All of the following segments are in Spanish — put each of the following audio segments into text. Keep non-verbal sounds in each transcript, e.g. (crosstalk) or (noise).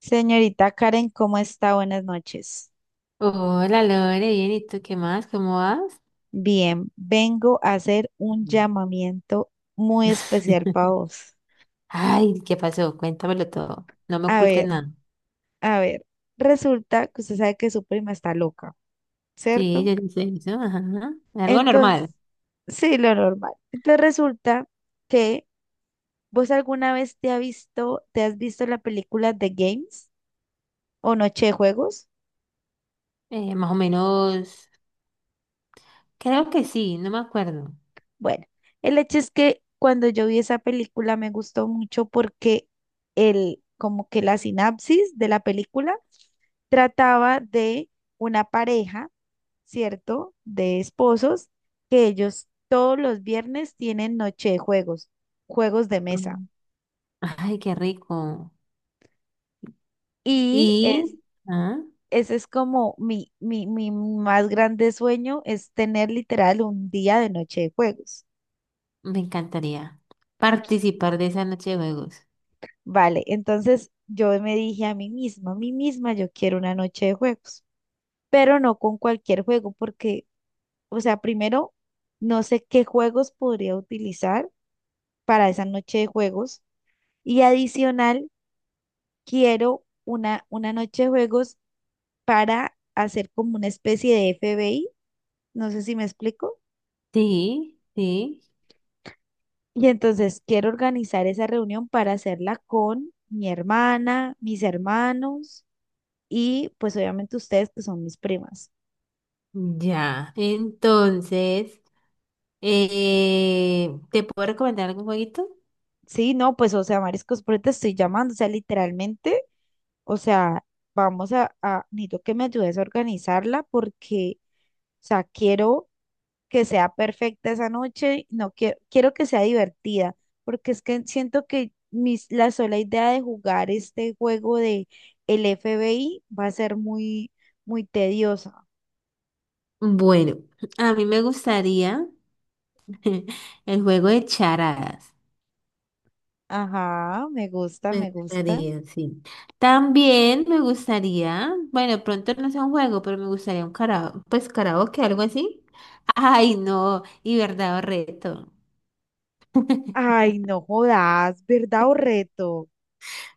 Señorita Karen, ¿cómo está? Buenas noches. Hola Lore, bien, ¿y tú qué más? ¿Cómo vas? Bien, vengo a hacer un Ujú. llamamiento muy especial para vos. Ay, ¿qué pasó? Cuéntamelo todo. No me A ocultes ver, nada. a ver, resulta que usted sabe que su prima está loca, Sí, ¿cierto? yo no sé eso, ajá. Algo normal. Entonces, sí, lo normal. Entonces resulta que vos alguna vez te has visto la película The Games o Noche de Juegos. Más o menos, creo que sí, no me acuerdo. Bueno, el hecho es que cuando yo vi esa película me gustó mucho porque como que la sinapsis de la película trataba de una pareja, ¿cierto? De esposos que ellos todos los viernes tienen noche de juegos, juegos de mesa. Mm. Ay, qué rico. Y Y es, ah, Ese es como mi más grande sueño, es tener literal un día de noche de juegos. me encantaría participar de esa noche de juegos. Vale, entonces yo me dije a mí misma, yo quiero una noche de juegos, pero no con cualquier juego, porque, o sea, primero, no sé qué juegos podría utilizar para esa noche de juegos y adicional, quiero una noche de juegos para hacer como una especie de FBI, no sé si me explico. Sí, sí, Y entonces quiero organizar esa reunión para hacerla con mi hermana, mis hermanos y pues obviamente ustedes que son mis primas. ya. Entonces, ¿te puedo recomendar algún jueguito? Sí, no, pues, o sea, Mariscos, por eso te estoy llamando, o sea, literalmente, o sea, necesito que me ayudes a organizarla porque, o sea, quiero que sea perfecta esa noche, no quiero, quiero que sea divertida, porque es que siento que la sola idea de jugar este juego de el FBI va a ser muy, muy tediosa. Bueno, a mí me gustaría (laughs) el juego de charadas. Ajá, me gusta, Me me gusta. gustaría, sí. También me gustaría, bueno, pronto no sea un juego, pero me gustaría un karaoke, pues karaoke, algo así. (laughs) Ay, no, y verdad o reto. (laughs) Ay, no jodas, ¿verdad o reto?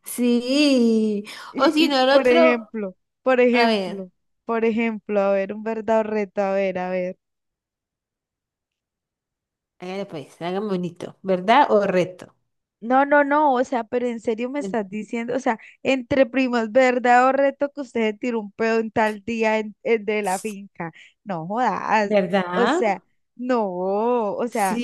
Sí, o Y, si y no, el otro, por a ver, ejemplo, por ejemplo, a ver, un verdadero reto, a ver, a ver. hágale pues, hágame bonito, ¿verdad o reto? No, no, no, o sea, pero en serio me En- estás diciendo, o sea, entre primos, verdad o reto que usted se tiró un pedo en tal día en, de la finca. No jodas, o ¿Verdad? sea, no, o sea,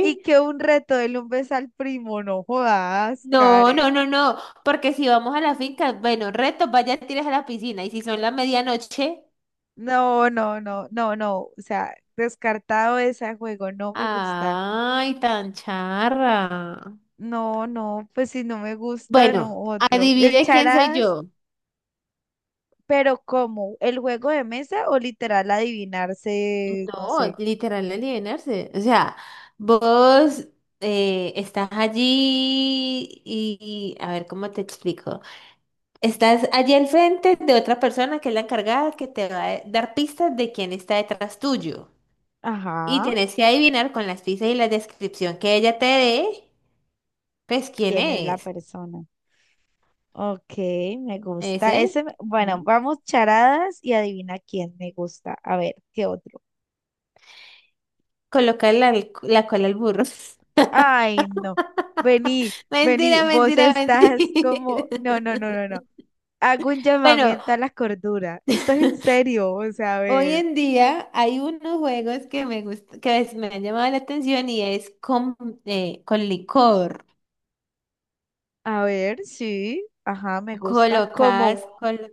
y que un reto de un beso al primo, no jodas, No, Karen. no, no, no, porque si vamos a la finca, bueno, reto, vaya, tires a la piscina, y si son la medianoche, No, no, no, no, no, o sea, descartado ese juego, no me gusta. ay, tan charra. No, no, pues si no me gusta, no Bueno, otro. El adivine quién soy charadas, yo. pero ¿cómo? ¿El juego de mesa o literal adivinarse, no No, sé? literal alienarse. O sea, vos estás allí a ver cómo te explico. Estás allí al frente de otra persona que es la encargada que te va a dar pistas de quién está detrás tuyo. Y Ajá, tenés que adivinar con las pistas y la descripción que ella te dé, pues quién quién es la es. persona. Ok, me gusta. Ese. Bueno, Mm. vamos charadas y adivina quién me gusta. A ver, ¿qué otro? Colocar la cola al burro. (laughs) Ay, no. Vení, vení, Mentira, vos mentira, estás como, mentira. no, no, no, (laughs) no, no. Hago un Bueno, llamamiento a la cordura. Esto es en (laughs) serio, o sea, a hoy ver. en día hay unos juegos que me gust- que es- me han llamado la atención y es con con licor. A ver, sí, ajá, me gusta como Colocas, colo-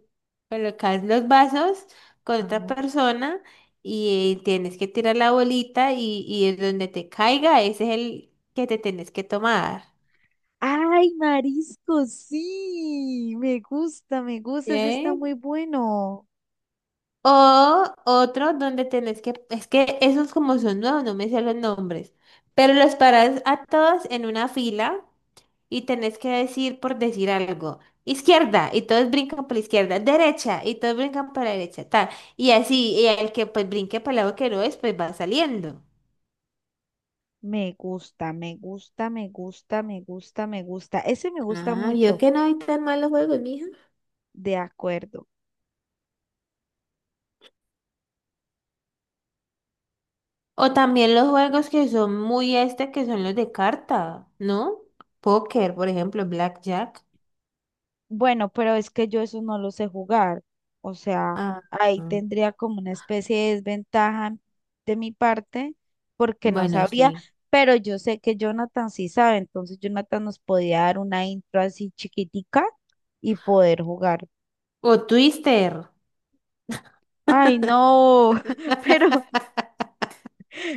colocas los vasos con otra ajá. persona y tienes que tirar la bolita y es donde te caiga, ese es el que te tienes que tomar. ¡Ay, marisco! Sí, me gusta, ese está ¿Qué? muy bueno. O otro donde es que esos como son nuevos, no me sé los nombres, pero los paras a todos en una fila y tenés que decir por decir algo. Izquierda, y todos brincan por la izquierda. Derecha, y todos brincan por la derecha. Tal. Y así, y el que pues brinque para el lado que no es, pues va saliendo. Me gusta, me gusta, me gusta, me gusta, me gusta. Ese me gusta Ah, vio mucho, que no hay tan malos juegos, mija. de acuerdo. O también los juegos que son muy este, que son los de carta, ¿no? Póker, por ejemplo, Blackjack. Bueno, pero es que yo eso no lo sé jugar. O sea, Ah, ahí ah. tendría como una especie de desventaja de mi parte porque no Bueno, sabría, sí. pero yo sé que Jonathan sí sabe, entonces Jonathan nos podía dar una intro así chiquitica y poder jugar. O Twister. Ay, no, (laughs) pero (laughs)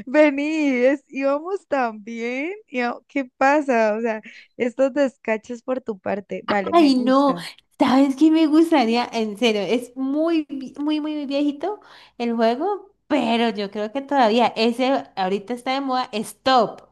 vení, íbamos tan bien. ¿Qué pasa? O sea, estos descachos por tu parte, vale, me Ay, no, gusta. ¿sabes qué me gustaría? En serio, es muy, muy, muy, muy viejito el juego, pero yo creo que todavía ese ahorita está de moda, Stop.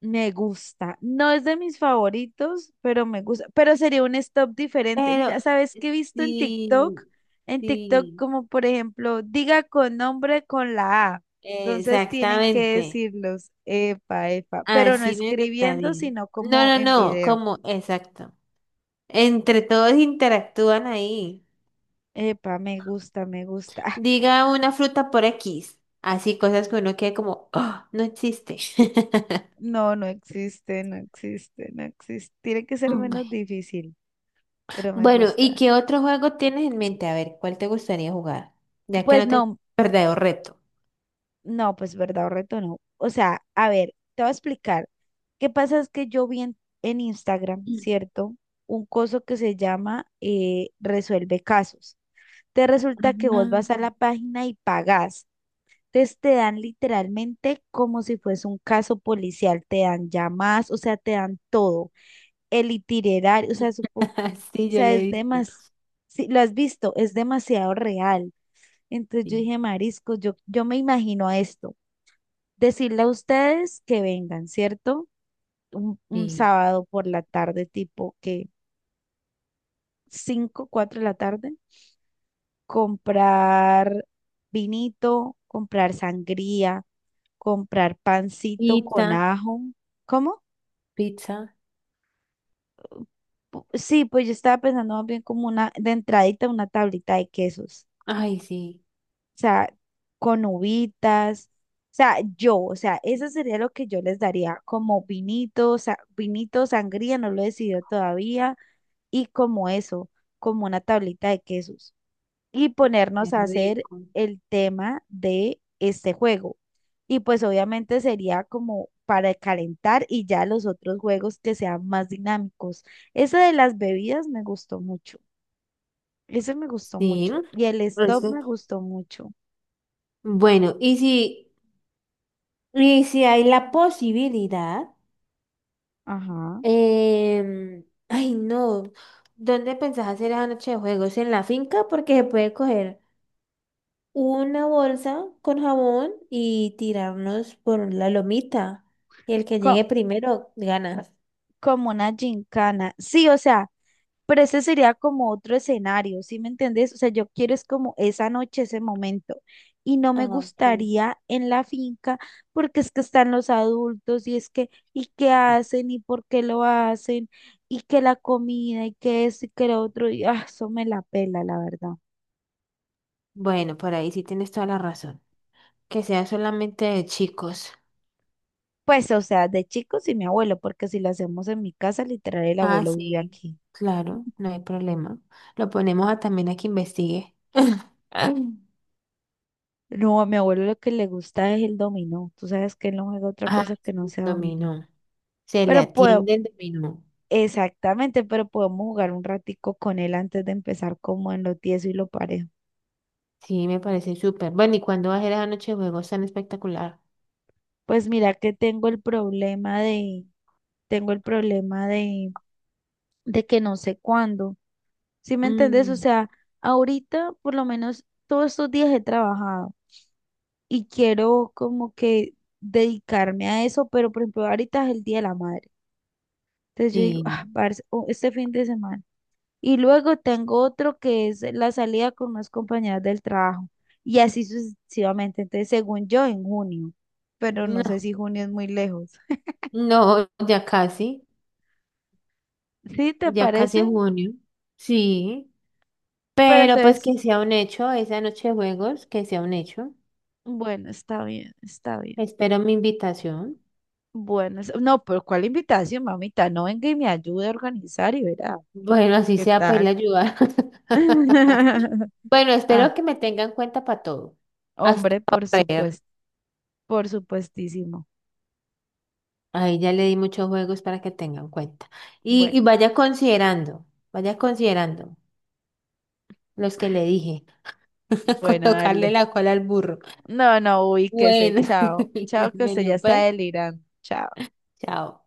Me gusta. No es de mis favoritos, pero me gusta. Pero sería un stop diferente. Pero Mira, ¿sabes qué he visto en TikTok? sí, En TikTok, sí, como por ejemplo, diga con nombre con la A. Entonces tienen que exactamente. decirlos, epa, epa, pero no Así me escribiendo, gustaría. sino No, como no, en no, video. como, exacto. Entre todos interactúan ahí. Epa, me gusta, me gusta. (laughs) Diga una fruta por X. Así cosas que uno quede como, "Ah, no existe." (laughs) No, no existe, no existe, no existe. Tiene que ser Mm. menos difícil, pero me Bueno, ¿y gusta. qué otro juego tienes en mente? A ver, ¿cuál te gustaría jugar? Ya que Pues no tengo no, verdadero reto. no, pues verdad o reto no. O sea, a ver, te voy a explicar. ¿Qué pasa? Es que yo vi en, Instagram, ¿cierto? Un coso que se llama Resuelve Casos. Te resulta que vos Ah, vas a la página y pagás. Entonces te dan literalmente como si fuese un caso policial, te dan llamadas, o sea, te dan todo. El itinerario, o sea, (laughs) sí, o yo sea, le he es visto. demasiado, si lo has visto, es demasiado real. Entonces yo Sí, dije, Marisco, yo me imagino esto decirle a ustedes que vengan, ¿cierto? Un sí. sábado por la tarde, tipo que 5 4 de la tarde, comprar vinito, comprar sangría, comprar pancito con Pizza, ajo. ¿Cómo? pizza. Sí, pues yo estaba pensando más bien como una, de entradita, una tablita de quesos, Ay, sí, o sea, con uvitas, o sea, yo, o sea, eso sería lo que yo les daría, como vinito, o sea, vinito, sangría, no lo he decidido todavía, y como eso, como una tablita de quesos. Y qué ponernos a hacer rico. el tema de este juego. Y pues obviamente sería como para calentar y ya los otros juegos que sean más dinámicos. Ese de las bebidas me gustó mucho. Ese me gustó Sí, mucho. Y el stop eso. me gustó mucho. Bueno, y si hay la posibilidad, Ajá. em, ay, no, ¿dónde pensás hacer esa noche de juegos? ¿En la finca? Porque se puede coger una bolsa con jabón y tirarnos por la lomita. Y el que llegue Co- primero gana. Como una gincana. Sí, o sea, pero ese sería como otro escenario, ¿sí me entendés? O sea, yo quiero es como esa noche, ese momento. Y no me Ah, ok. gustaría en la finca porque es que están los adultos y es que, ¿y qué hacen? ¿Y por qué lo hacen? ¿Y que la comida? ¿Y que esto? ¿Y que lo otro? Y ah, eso me la pela, la verdad. Bueno, por ahí sí tienes toda la razón. Que sea solamente de chicos. Pues, o sea, de chicos y mi abuelo, porque si lo hacemos en mi casa, literal, el Ah, abuelo vive sí. aquí. Claro, no hay problema. Lo ponemos a también a que investigue. (laughs) No, a mi abuelo lo que le gusta es el dominó. Tú sabes que él no juega otra Ah, cosa que no sí, sea dominó. dominó. Se le Pero pues, atiende el dominó. exactamente, pero podemos jugar un ratico con él antes de empezar como en lo tieso y lo parejo. Sí, me parece súper. Bueno, ¿y cuándo va a ser la noche de juegos tan espectacular? Pues mira que tengo el problema tengo el problema de, de que no sé cuándo. ¿Sí me entendés? O Mm, sea, ahorita por lo menos todos estos días he trabajado y quiero como que dedicarme a eso, pero por ejemplo ahorita es el Día de la Madre. Entonces yo digo, sí. ah, parce, o este fin de semana. Y luego tengo otro que es la salida con unas compañeras del trabajo. Y así sucesivamente. Entonces, según yo, en junio. Pero no sé No, si junio es muy lejos. no, ¿Sí te ya casi es parece? junio. Sí, Pero pero pues entonces, que sea un hecho, esa noche de juegos, que sea un hecho. bueno, está bien, está bien. Espero mi invitación. Bueno, no, pero ¿cuál invitación, mamita? No venga y me ayude a organizar y verá. Bueno, así ¿Qué sea para ir a tal? ayudar. (laughs) (laughs) Bueno, espero Ah, que me tengan en cuenta para todo. Hasta hombre, por correr. supuesto, por supuestísimo. Ahí ya le di muchos juegos para que tengan cuenta. Y, Bueno, vaya vaya considerando los que le dije. (laughs) bueno, Colocarle dale. la cola al burro. No, no, ubíquese, Bueno, chao. Chao, (laughs) que usted ya bueno, está pues, delirando. Chao. chao.